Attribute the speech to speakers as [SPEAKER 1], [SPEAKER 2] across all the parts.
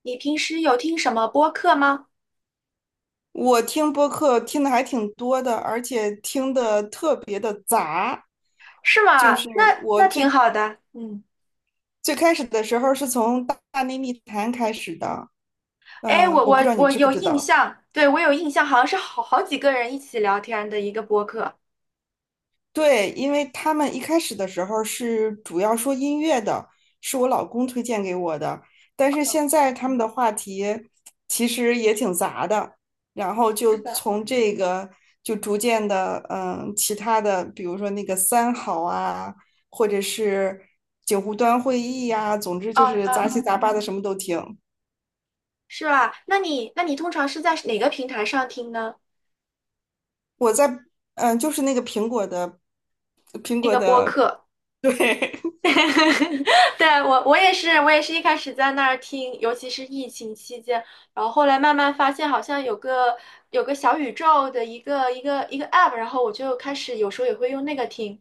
[SPEAKER 1] 你平时有听什么播客吗？
[SPEAKER 2] 我听播客听的还挺多的，而且听的特别的杂。
[SPEAKER 1] 是吗？
[SPEAKER 2] 就是
[SPEAKER 1] 那
[SPEAKER 2] 我
[SPEAKER 1] 那挺
[SPEAKER 2] 最
[SPEAKER 1] 好的。嗯。
[SPEAKER 2] 最开始的时候是从大内密谈开始的，
[SPEAKER 1] 哎，我
[SPEAKER 2] 我不
[SPEAKER 1] 我
[SPEAKER 2] 知道你
[SPEAKER 1] 我
[SPEAKER 2] 知不
[SPEAKER 1] 有
[SPEAKER 2] 知
[SPEAKER 1] 印
[SPEAKER 2] 道。
[SPEAKER 1] 象。对，我有印象。好像是好几个人一起聊天的一个播客，
[SPEAKER 2] 对，因为他们一开始的时候是主要说音乐的，是我老公推荐给我的。但是现在他们的话题其实也挺杂的，然后
[SPEAKER 1] 是
[SPEAKER 2] 就
[SPEAKER 1] 吧？
[SPEAKER 2] 从这个就逐渐的，其他的，比如说那个三好啊，或者是九湖端会议呀、总之
[SPEAKER 1] 啊
[SPEAKER 2] 就是
[SPEAKER 1] 啊，
[SPEAKER 2] 杂七杂八的什么都听。
[SPEAKER 1] 是吧？那你通常是在哪个平台上听呢？
[SPEAKER 2] 我在，就是那个苹果的，苹
[SPEAKER 1] 那
[SPEAKER 2] 果
[SPEAKER 1] 个播
[SPEAKER 2] 的，
[SPEAKER 1] 客？
[SPEAKER 2] 对。
[SPEAKER 1] 对，我也是。我也是一开始在那儿听，尤其是疫情期间，然后后来慢慢发现好像有个有个小宇宙的一个 app，然后我就开始有时候也会用那个听。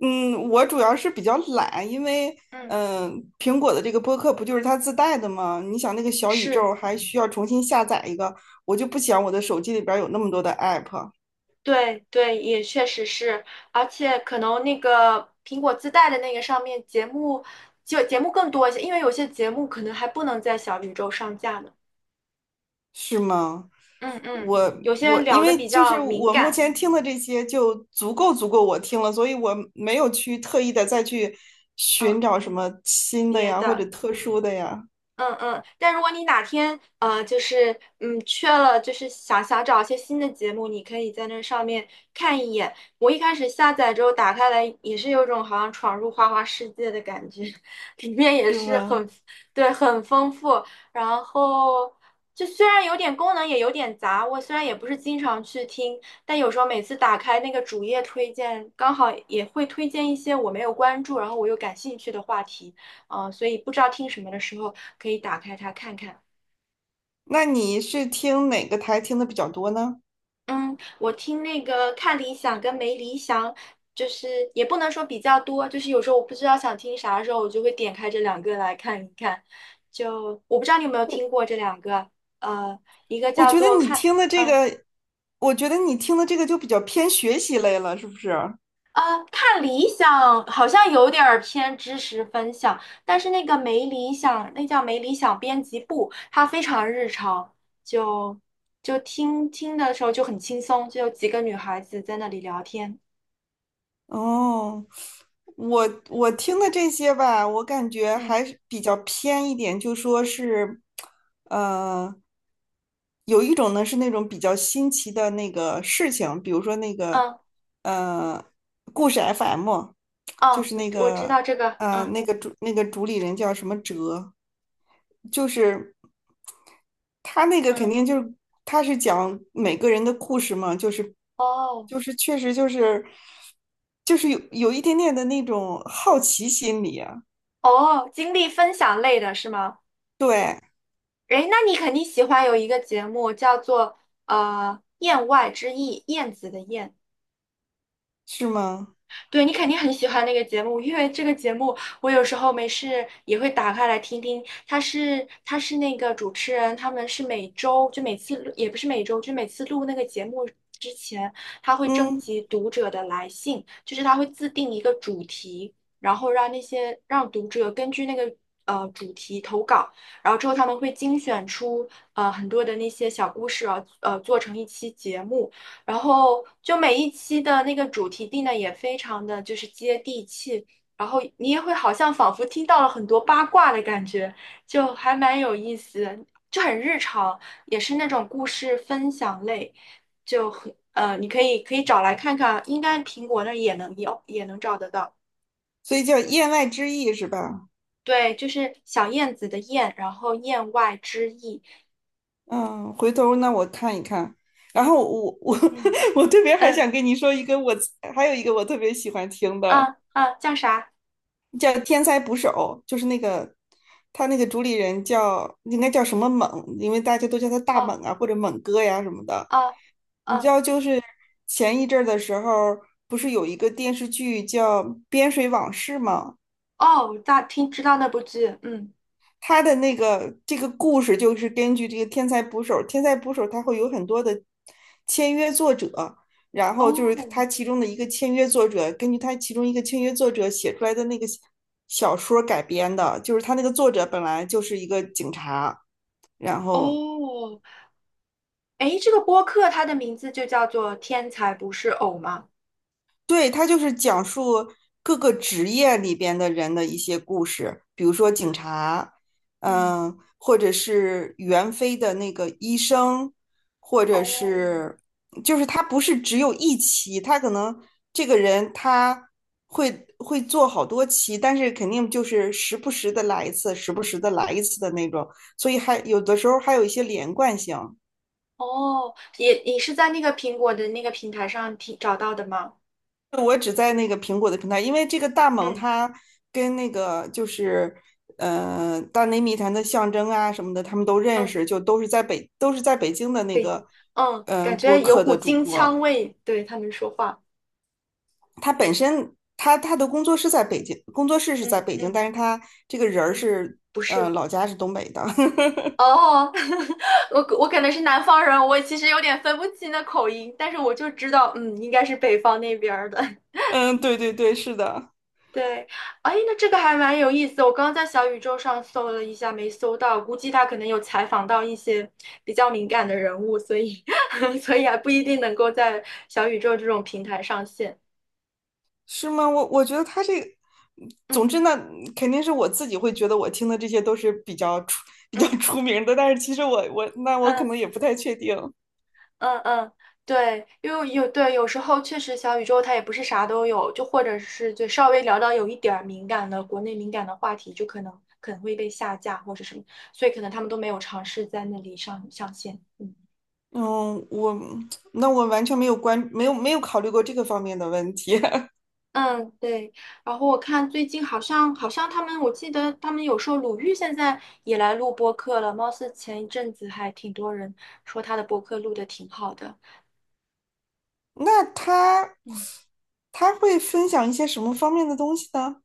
[SPEAKER 2] 嗯，我主要是比较懒，因为
[SPEAKER 1] 嗯。
[SPEAKER 2] 嗯、苹果的这个播客不就是它自带的吗？你想那个小宇
[SPEAKER 1] 是。
[SPEAKER 2] 宙还需要重新下载一个，我就不想我的手机里边儿有那么多的 app，
[SPEAKER 1] 对对，也确实是。而且可能那个苹果自带的那个上面节目就节目更多一些，因为有些节目可能还不能在小宇宙上架呢。
[SPEAKER 2] 是吗？
[SPEAKER 1] 嗯嗯。
[SPEAKER 2] 我
[SPEAKER 1] 有些
[SPEAKER 2] 我因
[SPEAKER 1] 聊的
[SPEAKER 2] 为
[SPEAKER 1] 比
[SPEAKER 2] 就是
[SPEAKER 1] 较敏
[SPEAKER 2] 我目
[SPEAKER 1] 感，
[SPEAKER 2] 前听的这些就足够我听了，所以我没有去特意的再去
[SPEAKER 1] 嗯，
[SPEAKER 2] 寻找什么新的
[SPEAKER 1] 别
[SPEAKER 2] 呀，或者
[SPEAKER 1] 的。
[SPEAKER 2] 特殊的呀，
[SPEAKER 1] 嗯嗯。但如果你哪天就是缺了，就是想找一些新的节目，你可以在那上面看一眼。我一开始下载之后打开来，也是有种好像闯入花花世界的感觉，里面也
[SPEAKER 2] 是
[SPEAKER 1] 是
[SPEAKER 2] 吗？
[SPEAKER 1] 很，对，很丰富。然后就虽然有点功能也有点杂，我虽然也不是经常去听，但有时候每次打开那个主页推荐，刚好也会推荐一些我没有关注，然后我又感兴趣的话题。所以不知道听什么的时候可以打开它看看。
[SPEAKER 2] 那你是听哪个台听的比较多呢？
[SPEAKER 1] 嗯，我听那个看理想跟没理想，就是也不能说比较多，就是有时候我不知道想听啥的时候，我就会点开这两个来看一看。就我不知道你有没有听过这两个，呃，一个
[SPEAKER 2] 我
[SPEAKER 1] 叫
[SPEAKER 2] 觉得
[SPEAKER 1] 做
[SPEAKER 2] 你
[SPEAKER 1] 看，
[SPEAKER 2] 听的这
[SPEAKER 1] 嗯。
[SPEAKER 2] 个，我觉得你听的这个就比较偏学习类了，是不是？
[SPEAKER 1] 呃，看理想好像有点儿偏知识分享，但是那个没理想，那叫没理想编辑部，它非常日常，就就听听的时候就很轻松，就有几个女孩子在那里聊天。
[SPEAKER 2] 哦，我听的这些吧，我感觉
[SPEAKER 1] 嗯
[SPEAKER 2] 还是比较偏一点，就说是，呃，有一种呢是那种比较新奇的那个事情，比如说那个，
[SPEAKER 1] 嗯。
[SPEAKER 2] 呃，故事 FM，就
[SPEAKER 1] 哦，
[SPEAKER 2] 是
[SPEAKER 1] 我
[SPEAKER 2] 那
[SPEAKER 1] 我知
[SPEAKER 2] 个。
[SPEAKER 1] 道这个，嗯
[SPEAKER 2] 那个主理人叫什么哲，就是他那个肯
[SPEAKER 1] 嗯。
[SPEAKER 2] 定就是他是讲每个人的故事嘛，就是
[SPEAKER 1] 哦
[SPEAKER 2] 就是确实就是有一点点的那种好奇心理啊，
[SPEAKER 1] 哦，经历分享类的是吗？
[SPEAKER 2] 对，
[SPEAKER 1] 诶，那你肯定喜欢有一个节目叫做《燕外之意》，燕子的燕。
[SPEAKER 2] 是吗？
[SPEAKER 1] 对，你肯定很喜欢那个节目，因为这个节目我有时候没事也会打开来听听。他是那个主持人，他们是每周就每次录也不是每周，就每次录那个节目之前，他会征
[SPEAKER 2] 嗯，
[SPEAKER 1] 集读者的来信，就是他会自定一个主题，然后让那些让读者根据那个主题投稿，然后之后他们会精选出很多的那些小故事啊，做成一期节目。然后就每一期的那个主题定的也非常的就是接地气，然后你也会好像仿佛听到了很多八卦的感觉，就还蛮有意思，就很日常，也是那种故事分享类，就很,你可以找来看看，应该苹果那儿也能有，也能找得到。
[SPEAKER 2] 所以叫言外之意是吧？
[SPEAKER 1] 对，就是小燕子的燕，然后燕外之意。
[SPEAKER 2] 嗯，回头那我看一看。然后我
[SPEAKER 1] 嗯
[SPEAKER 2] 我特别还
[SPEAKER 1] 嗯。
[SPEAKER 2] 想跟你说一个我，还有一个我特别喜欢听的。
[SPEAKER 1] 啊啊，叫啥？
[SPEAKER 2] 叫天才捕手，就是那个他那个主理人应该叫什么猛，因为大家都叫他大
[SPEAKER 1] 哦
[SPEAKER 2] 猛啊或者猛哥呀什么的。
[SPEAKER 1] 哦
[SPEAKER 2] 你知
[SPEAKER 1] 哦
[SPEAKER 2] 道，就是前一阵儿的时候，不是有一个电视剧叫《边水往事》吗？
[SPEAKER 1] 哦，大听知道那部剧，嗯。
[SPEAKER 2] 他的那个这个故事就是根据这个天才捕手，天才捕手他会有很多的签约作者，然后就是他
[SPEAKER 1] 哦
[SPEAKER 2] 其中的一个签约作者，根据他其中一个签约作者写出来的那个小说改编的，就是他那个作者本来就是一个警察，然后
[SPEAKER 1] 哦，诶，这个播客它的名字就叫做《天才不是偶》吗？
[SPEAKER 2] 对，它就是讲述各个职业里边的人的一些故事，比如说警察，
[SPEAKER 1] 嗯。
[SPEAKER 2] 或者是袁飞的那个医生，或者
[SPEAKER 1] 哦
[SPEAKER 2] 是，就是他不是只有一期，他可能这个人他会做好多期，但是肯定就是时不时的来一次，时不时的来一次的那种，所以还有的时候还有一些连贯性。
[SPEAKER 1] 哦，也你是在那个苹果的那个平台上听找到的吗？
[SPEAKER 2] 我只在那个苹果的平台，因为这个大猛
[SPEAKER 1] 嗯
[SPEAKER 2] 他跟那个就是大内密谈的象征啊什么的，他们都认
[SPEAKER 1] 嗯，
[SPEAKER 2] 识，就都是在北京的那
[SPEAKER 1] 对，
[SPEAKER 2] 个
[SPEAKER 1] 嗯，感
[SPEAKER 2] 播
[SPEAKER 1] 觉有
[SPEAKER 2] 客
[SPEAKER 1] 股
[SPEAKER 2] 的主
[SPEAKER 1] 京
[SPEAKER 2] 播。
[SPEAKER 1] 腔味，对他们说话，
[SPEAKER 2] 他本身他的工作室在北京，工作室是在
[SPEAKER 1] 嗯
[SPEAKER 2] 北京，
[SPEAKER 1] 嗯。
[SPEAKER 2] 但是他这个人儿
[SPEAKER 1] 嗯，
[SPEAKER 2] 是
[SPEAKER 1] 不是。
[SPEAKER 2] 老家是东北的。
[SPEAKER 1] 哦，我可能是南方人，我其实有点分不清的口音，但是我就知道，嗯，应该是北方那边儿的。
[SPEAKER 2] 嗯，对对对，是的。
[SPEAKER 1] 对。哎，那这个还蛮有意思。我刚刚在小宇宙上搜了一下，没搜到，估计他可能有采访到一些比较敏感的人物，所以 所以还不一定能够在小宇宙这种平台上线。
[SPEAKER 2] 是吗？我觉得他这个，总
[SPEAKER 1] 嗯
[SPEAKER 2] 之呢，肯定是我自己会觉得我听的这些都是比较
[SPEAKER 1] 嗯
[SPEAKER 2] 出名的，但是其实我那我可
[SPEAKER 1] 嗯
[SPEAKER 2] 能也不太确定。
[SPEAKER 1] 嗯嗯，对。因为有对有时候确实小宇宙它也不是啥都有，就或者是就稍微聊到有一点儿敏感的国内敏感的话题，就可能会被下架或者什么，所以可能他们都没有尝试在那里上线。嗯。
[SPEAKER 2] 嗯，我那我完全没有关没有没有考虑过这个方面的问题。
[SPEAKER 1] 嗯，对。然后我看最近好像他们，我记得他们有说鲁豫现在也来录播客了，貌似前一阵子还挺多人说他的播客录的挺好的。
[SPEAKER 2] 那他
[SPEAKER 1] 嗯，
[SPEAKER 2] 他会分享一些什么方面的东西呢？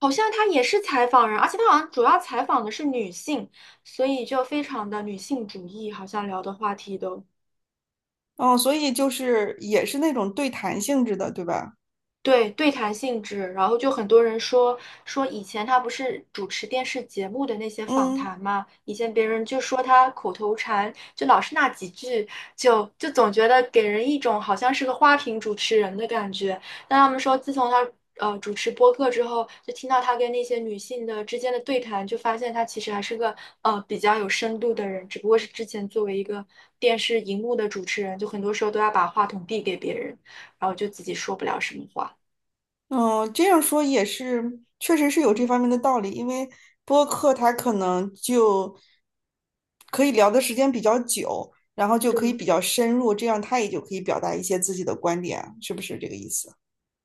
[SPEAKER 1] 好像他也是采访人，而且他好像主要采访的是女性，所以就非常的女性主义，好像聊的话题都
[SPEAKER 2] 哦，所以就是也是那种对谈性质的，对吧？
[SPEAKER 1] 对，对谈性质。然后就很多人说说以前他不是主持电视节目的那些访
[SPEAKER 2] 嗯。
[SPEAKER 1] 谈嘛，以前别人就说他口头禅，就老是那几句，就总觉得给人一种好像是个花瓶主持人的感觉。但他们说，自从他主持播客之后，就听到他跟那些女性的之间的对谈，就发现他其实还是个比较有深度的人，只不过是之前作为一个电视荧幕的主持人，就很多时候都要把话筒递给别人，然后就自己说不了什么话。
[SPEAKER 2] 嗯，这样说也是，确实是有这
[SPEAKER 1] 嗯。
[SPEAKER 2] 方面的道理。因为播客它可能就可以聊的时间比较久，然后就可以
[SPEAKER 1] 对，
[SPEAKER 2] 比较深入，这样他也就可以表达一些自己的观点，是不是这个意思？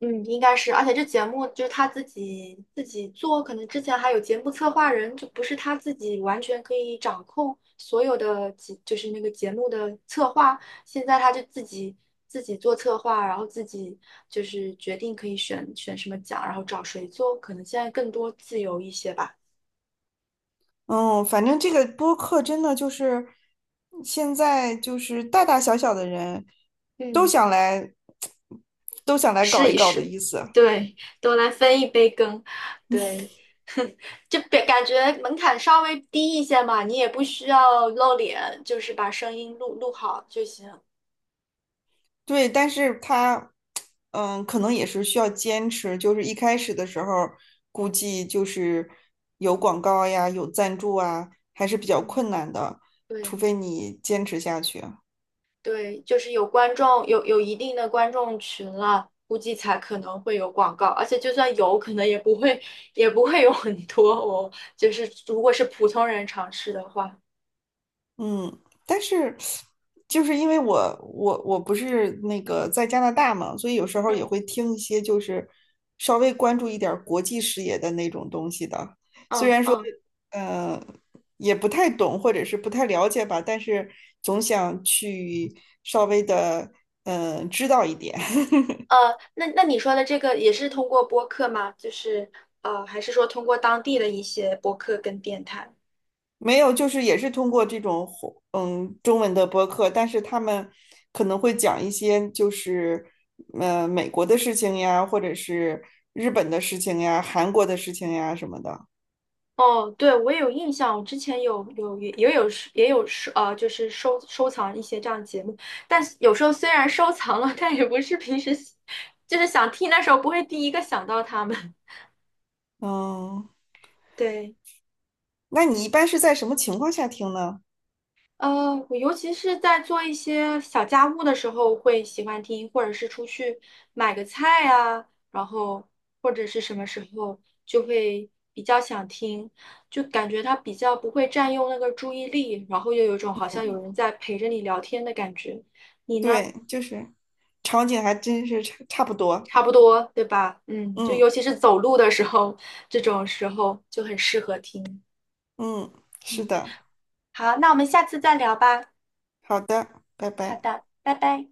[SPEAKER 1] 嗯，应该是。而且这节目就是他自己做，可能之前还有节目策划人，就不是他自己完全可以掌控所有的节，就是那个节目的策划。现在他就自己做策划，然后自己就是决定可以选什么奖，然后找谁做，可能现在更多自由一些吧。
[SPEAKER 2] 嗯，反正这个播客真的就是现在就是大大小小的人都
[SPEAKER 1] 嗯，
[SPEAKER 2] 想来，都想来搞
[SPEAKER 1] 试
[SPEAKER 2] 一
[SPEAKER 1] 一
[SPEAKER 2] 搞的
[SPEAKER 1] 试，
[SPEAKER 2] 意思。
[SPEAKER 1] 对，都来分一杯羹，对。就别感觉门槛稍微低一些嘛，你也不需要露脸，就是把声音录好就行。
[SPEAKER 2] 对，但是他可能也是需要坚持，就是一开始的时候，估计就是有广告呀，有赞助啊，还是比较
[SPEAKER 1] 嗯，
[SPEAKER 2] 困难的，除
[SPEAKER 1] 对
[SPEAKER 2] 非你坚持下去。
[SPEAKER 1] 对，就是有观众，有一定的观众群了，估计才可能会有广告，而且就算有可能也不会也不会有很多哦。就是如果是普通人尝试的话，
[SPEAKER 2] 嗯，但是就是因为我不是那个在加拿大嘛，所以有时候也
[SPEAKER 1] 嗯
[SPEAKER 2] 会听一些就是稍微关注一点儿国际视野的那种东西的。虽
[SPEAKER 1] 嗯。
[SPEAKER 2] 然说
[SPEAKER 1] 嗯，
[SPEAKER 2] 呃也不太懂或者是不太了解吧，但是总想去稍微的知道一点。
[SPEAKER 1] 那你说的这个也是通过播客吗？就是还是说通过当地的一些播客跟电台？
[SPEAKER 2] 没有，就是也是通过这种中文的播客，但是他们可能会讲一些就是美国的事情呀，或者是日本的事情呀、韩国的事情呀什么的。
[SPEAKER 1] 哦，对，我也有印象，我之前有有也也有是也有收呃，就是收藏一些这样的节目，但是有时候虽然收藏了，但也不是平时喜就是想听，那时候不会第一个想到他们。
[SPEAKER 2] 嗯，
[SPEAKER 1] 对。
[SPEAKER 2] 那你一般是在什么情况下听呢？
[SPEAKER 1] 我尤其是在做一些小家务的时候会喜欢听，或者是出去买个菜啊，然后或者是什么时候就会比较想听，就感觉它比较不会占用那个注意力，然后又有一种好像有人在陪着你聊天的感觉。你呢？
[SPEAKER 2] 对，就是场景还真是差不多。
[SPEAKER 1] 差不多，对吧？嗯，就
[SPEAKER 2] 嗯
[SPEAKER 1] 尤其是走路的时候，这种时候就很适合听。
[SPEAKER 2] 嗯，是
[SPEAKER 1] 嗯，
[SPEAKER 2] 的，
[SPEAKER 1] 好，那我们下次再聊吧。
[SPEAKER 2] 好的，拜
[SPEAKER 1] 好
[SPEAKER 2] 拜。
[SPEAKER 1] 的，拜拜。